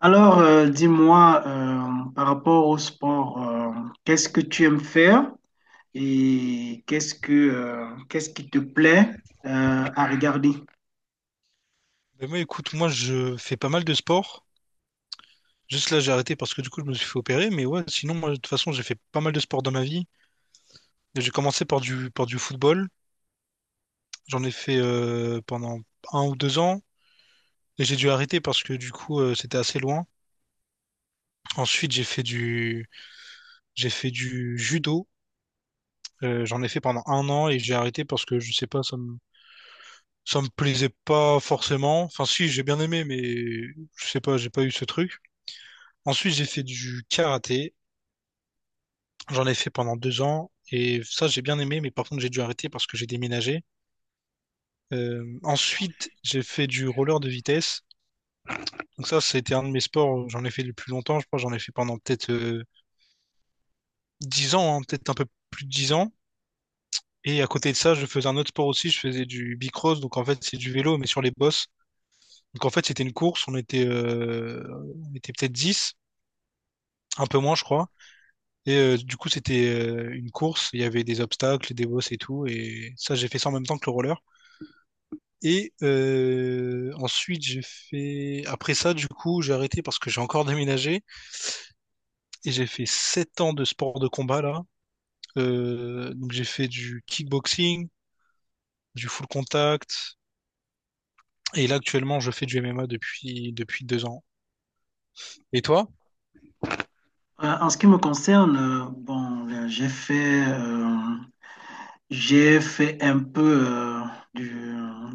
Dis-moi, par rapport au sport, qu'est-ce que tu aimes faire et qu'est-ce qui te plaît à regarder? Ben moi, écoute, moi, je fais pas mal de sport. Juste là, j'ai arrêté parce que du coup, je me suis fait opérer. Mais ouais, sinon, moi, de toute façon, j'ai fait pas mal de sport dans ma vie. J'ai commencé par par du football. J'en ai fait pendant un ou deux ans. Et j'ai dû arrêter parce que du coup, c'était assez loin. Ensuite, j'ai fait du judo. J'en ai fait pendant 1 an et j'ai arrêté parce que je sais pas, ça me plaisait pas forcément. Enfin, si, j'ai bien aimé, mais je sais pas, j'ai pas eu ce truc. Ensuite, j'ai fait du karaté. J'en ai fait pendant 2 ans et ça j'ai bien aimé, mais par contre j'ai dû arrêter parce que j'ai déménagé. Ensuite j'ai fait du roller de vitesse. Donc ça c'était un de mes sports, où j'en ai fait le plus longtemps, je crois que j'en ai fait pendant peut-être 10 ans, hein, peut-être un peu plus de 10 ans. Et à côté de ça je faisais un autre sport aussi, je faisais du bicross, donc en fait c'est du vélo mais sur les bosses. Donc en fait c'était une course, on était peut-être 10, un peu moins je crois. Et du coup c'était une course, il y avait des obstacles, des bosses et tout, et ça j'ai fait ça en même temps que le roller. Et ensuite, j'ai fait... Après ça, du coup, j'ai arrêté parce que j'ai encore déménagé. Et j'ai fait 7 ans de sport de combat, là. Donc j'ai fait du kickboxing, du full contact. Et là, actuellement, je fais du MMA depuis 2 ans. Et toi? En ce qui me concerne, bon, là, j'ai fait un peu du,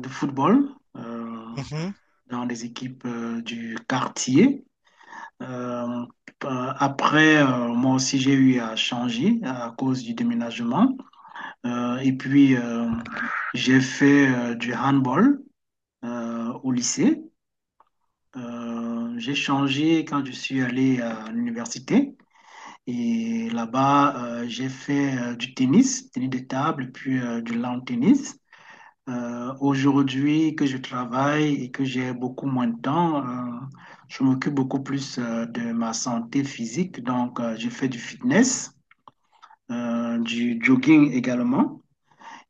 de football euh, Mhm. dans les équipes du quartier. Euh, après, moi aussi, j'ai eu à changer à cause du déménagement. Et puis, j'ai fait du handball au lycée. J'ai changé quand je suis allé à l'université. Et là-bas, j'ai fait du tennis, tennis de table, puis du lawn tennis. Aujourd'hui que je travaille et que j'ai beaucoup moins de temps, je m'occupe beaucoup plus de ma santé physique. Donc, je fais du fitness, du jogging également.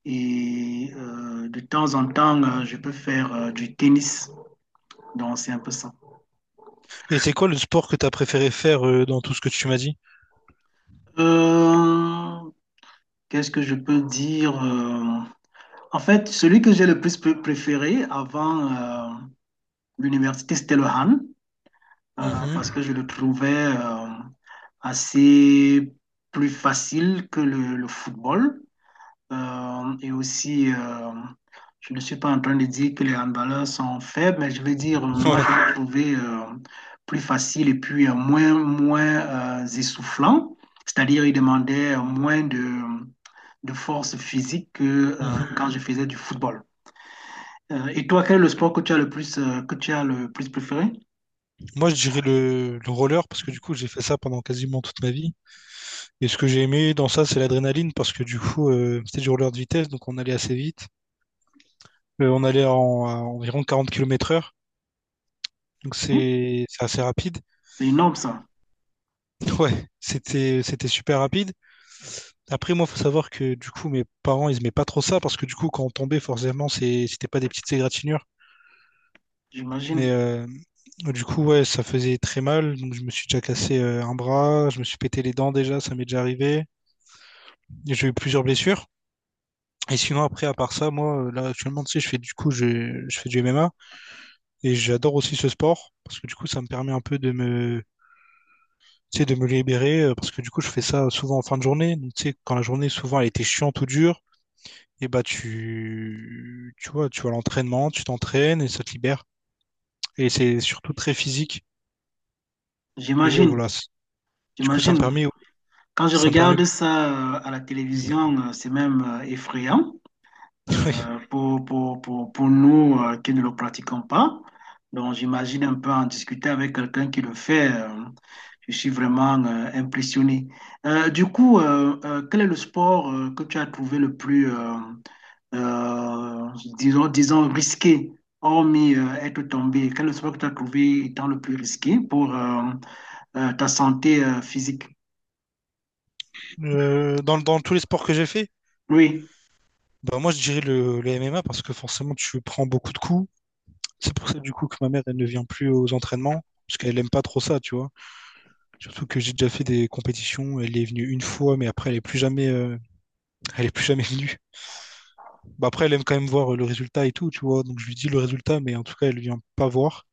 Et de temps en temps, je peux faire du tennis. Donc, c'est un peu ça. Et c'est quoi le sport que t'as préféré faire dans tout ce que tu m'as dit? Euh, Qu'est-ce que je peux dire? En fait, celui que j'ai le plus préféré avant l'université, c'était le Han, parce que Mhm. je le trouvais assez plus facile que le football. Et aussi, je ne suis pas en train de dire que les handballeurs sont faibles, mais je veux dire, moi, Ouais. je l'ai trouvé plus facile et puis moins, moins essoufflant. C'est-à-dire, il demandait de force physique que quand Mhm. je faisais du football. Et toi, quel est le sport que tu as le plus, que tu as le plus préféré? Moi, je dirais le roller parce que du coup, j'ai fait ça pendant quasiment toute ma vie. Et ce que j'ai aimé dans ça, c'est l'adrénaline parce que du coup, c'était du roller de vitesse, donc on allait assez vite. On allait à environ 40 km heure, donc c'est assez rapide. C'est énorme, ça. Ouais, c'était super rapide. Après, moi, faut savoir que du coup, mes parents, ils aimaient pas trop ça parce que du coup, quand on tombait, forcément, c'était pas des petites égratignures. Mais J'imagine, du coup, ouais, ça faisait très mal. Donc, je me suis déjà cassé un bras, je me suis pété les dents déjà, ça m'est déjà arrivé. Et j'ai eu plusieurs blessures. Et sinon, après, à part ça, moi, là, actuellement, tu sais, je fais du MMA et j'adore aussi ce sport parce que du coup, ça me permet un peu tu sais, de me libérer parce que du coup, je fais ça souvent en fin de journée. Donc, tu sais, quand la journée, souvent, elle était chiante ou dure. Et bah tu vois, tu vas à l'entraînement, tu t'entraînes et ça te libère. Et c'est surtout très physique. Et j'imagine, voilà, du coup, j'imagine. Quand je ça me permet. regarde ça à la Mhm. télévision, c'est même effrayant. Pour, pour nous qui ne le pratiquons pas. Donc, j'imagine un peu en discuter avec quelqu'un qui le fait. Je suis vraiment impressionné. Du coup, quel est le sport que tu as trouvé le plus, euh, disons, disons, risqué, hormis être tombé? Quel est le sport que tu as trouvé étant le plus risqué pour ta santé physique? Oui. Dans tous les sports que j'ai fait, Oui. bah moi je dirais le MMA parce que forcément tu prends beaucoup de coups. C'est pour ça du coup que ma mère elle ne vient plus aux entraînements parce qu'elle aime pas trop ça, tu vois. Surtout que j'ai déjà fait des compétitions, elle est venue une fois, mais après elle est plus jamais venue. Bah après elle aime quand même voir le résultat et tout, tu vois. Donc je lui dis le résultat, mais en tout cas elle vient pas voir.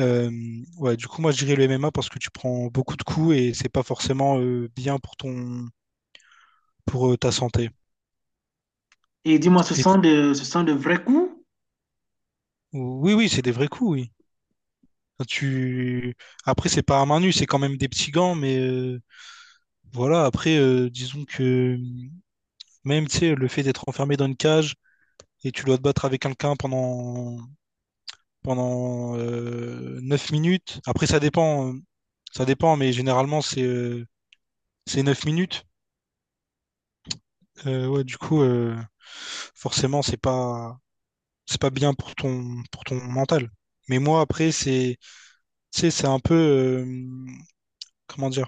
Euh, ouais, du coup, moi, je dirais le MMA parce que tu prends beaucoup de coups et c'est pas forcément bien pour ton, pour ta santé. Et dis-moi, ce Et, sont ce sont de vrais coups? oui, oui, c'est des vrais coups, oui. Enfin, tu... Après, c'est pas à main nue, c'est quand même des petits gants, mais voilà. Après, disons que même, tu sais, le fait d'être enfermé dans une cage et tu dois te battre avec quelqu'un pendant 9 minutes. Après, ça dépend, mais généralement, c'est 9 minutes. Euh, ouais, du coup, euh, forcément, c'est pas bien pour ton mental. Mais moi, après, tu sais, comment dire?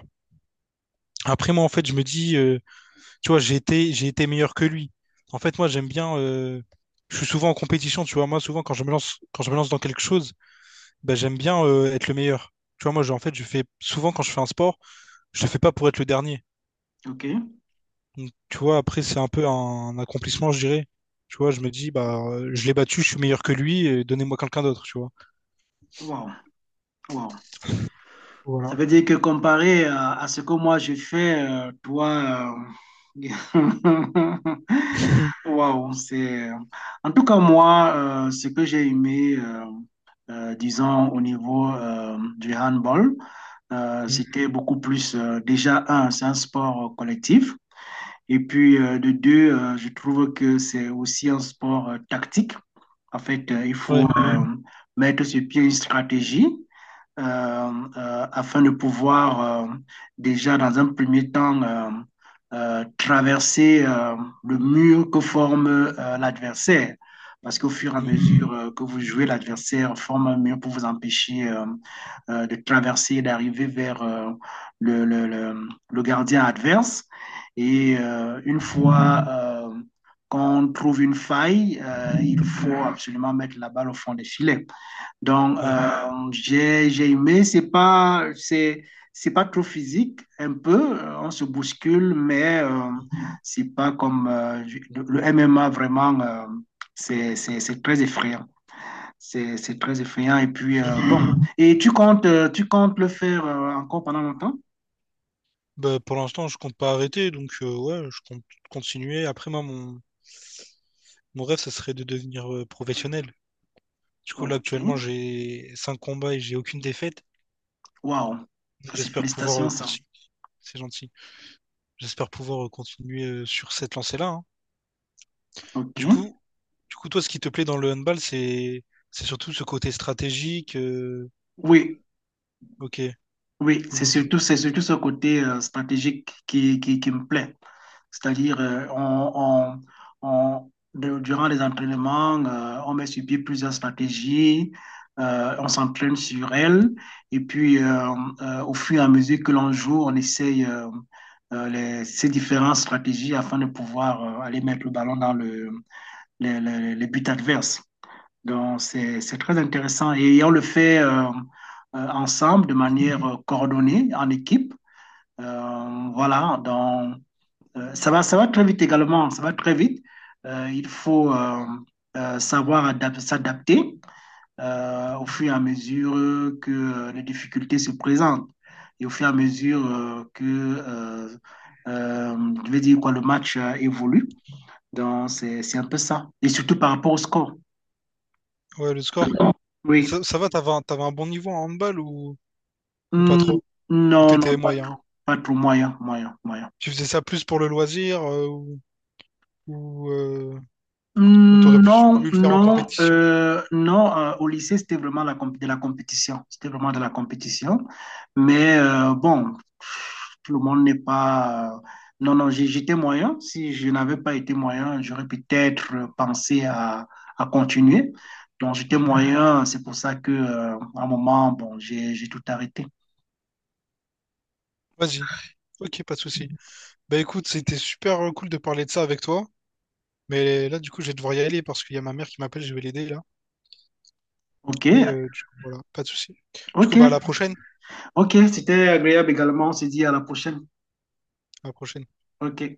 Après, moi, en fait, je me dis, tu vois, j'ai été meilleur que lui. En fait, moi, j'aime bien, je suis souvent en compétition, tu vois. Moi, souvent, quand je me lance dans quelque chose, ben, j'aime bien, être le meilleur. Tu vois, moi, en fait, quand je fais un sport, je le fais pas pour être le dernier. OK. Donc, tu vois, après, c'est un peu un accomplissement, je dirais. Tu vois, je me dis, bah, je l'ai battu, je suis meilleur que lui, et donnez-moi quelqu'un d'autre, tu vois. Wow. Wow. Ça Voilà. veut dire que comparé à ce que moi je fais, toi, euh, waouh, c'est. En tout cas, moi, ce que j'ai aimé, disons, au niveau du handball, Mm. c'était beaucoup plus. Déjà, un, c'est un sport collectif. Et puis, de deux, je trouve que c'est aussi un sport tactique. En fait, il Ouais. faut mettre sur pied une stratégie euh, afin de pouvoir déjà dans un premier temps traverser le mur que forme l'adversaire parce qu'au fur et à Mm. mesure que vous jouez, l'adversaire forme un mur pour vous empêcher de traverser et d'arriver vers le, le, le, gardien adverse. Et une fois qu'on trouve une faille, il faut absolument mettre la balle au fond des filets. Donc, Ouais. J'ai aimé, c'est pas trop physique, un peu, on se bouscule, mais Mm. c'est pas comme le MMA vraiment, c'est très effrayant. C'est très effrayant. Et puis, bon, et tu comptes le faire encore pendant longtemps? Bah, pour l'instant, je compte pas arrêter, donc ouais, je compte continuer. Après, mon rêve, ça serait de devenir professionnel. Du coup, là, Ok. actuellement, j'ai 5 combats et j'ai aucune défaite. Waouh. Donc, Ça, c'est j'espère pouvoir félicitations, ça. continuer. C'est gentil. J'espère pouvoir continuer sur cette lancée-là, hein. Ok. Du coup, du coup, toi, ce qui te plaît dans le handball, c'est surtout ce côté stratégique. Oui, Ok. Ou- c'est surtout ce côté stratégique qui me plaît. C'est-à-dire, durant les entraînements, on met sur pied plusieurs stratégies, on s'entraîne sur elles, et puis au fur et à mesure que l'on joue, on essaye ces différentes stratégies afin de pouvoir aller mettre le ballon dans les buts adverses. Donc, c'est très intéressant et on le fait ensemble de manière coordonnée, en équipe. Voilà, donc. Ça va, ça va très vite également, ça va très vite. Il faut savoir s'adapter au fur et à mesure que les difficultés se présentent et au fur et à mesure que je vais dire quoi, le match évolue. Donc, c'est un peu ça. Et surtout par rapport au score. Ouais, le score. Et Oui. ça va, t'avais un bon niveau en handball ou pas Hmm, trop? Ou non, t'étais non, pas moyen? trop. Pas trop moyen, moyen, moyen. Tu faisais ça plus pour le loisir ou, euh, ou t'aurais plus Non, voulu le faire en non, compétition? Non. Au lycée, c'était vraiment la comp- de la compétition. C'était vraiment de la compétition. Mais bon, tout le monde n'est pas. Non, non, j'étais moyen. Si je n'avais pas été moyen, j'aurais peut-être pensé à continuer. Donc, j'étais moyen. C'est pour ça que, à un moment, bon, j'ai tout arrêté. Vas-y. Ok, pas de souci. Bah écoute, c'était super cool de parler de ça avec toi. Mais là, du coup, je vais devoir y aller parce qu'il y a ma mère qui m'appelle, je vais l'aider là. OK, Et du coup, voilà, pas de souci. Du OK, coup, bah à la prochaine. OK. C'était agréable également. On se dit à la prochaine. À la prochaine. OK.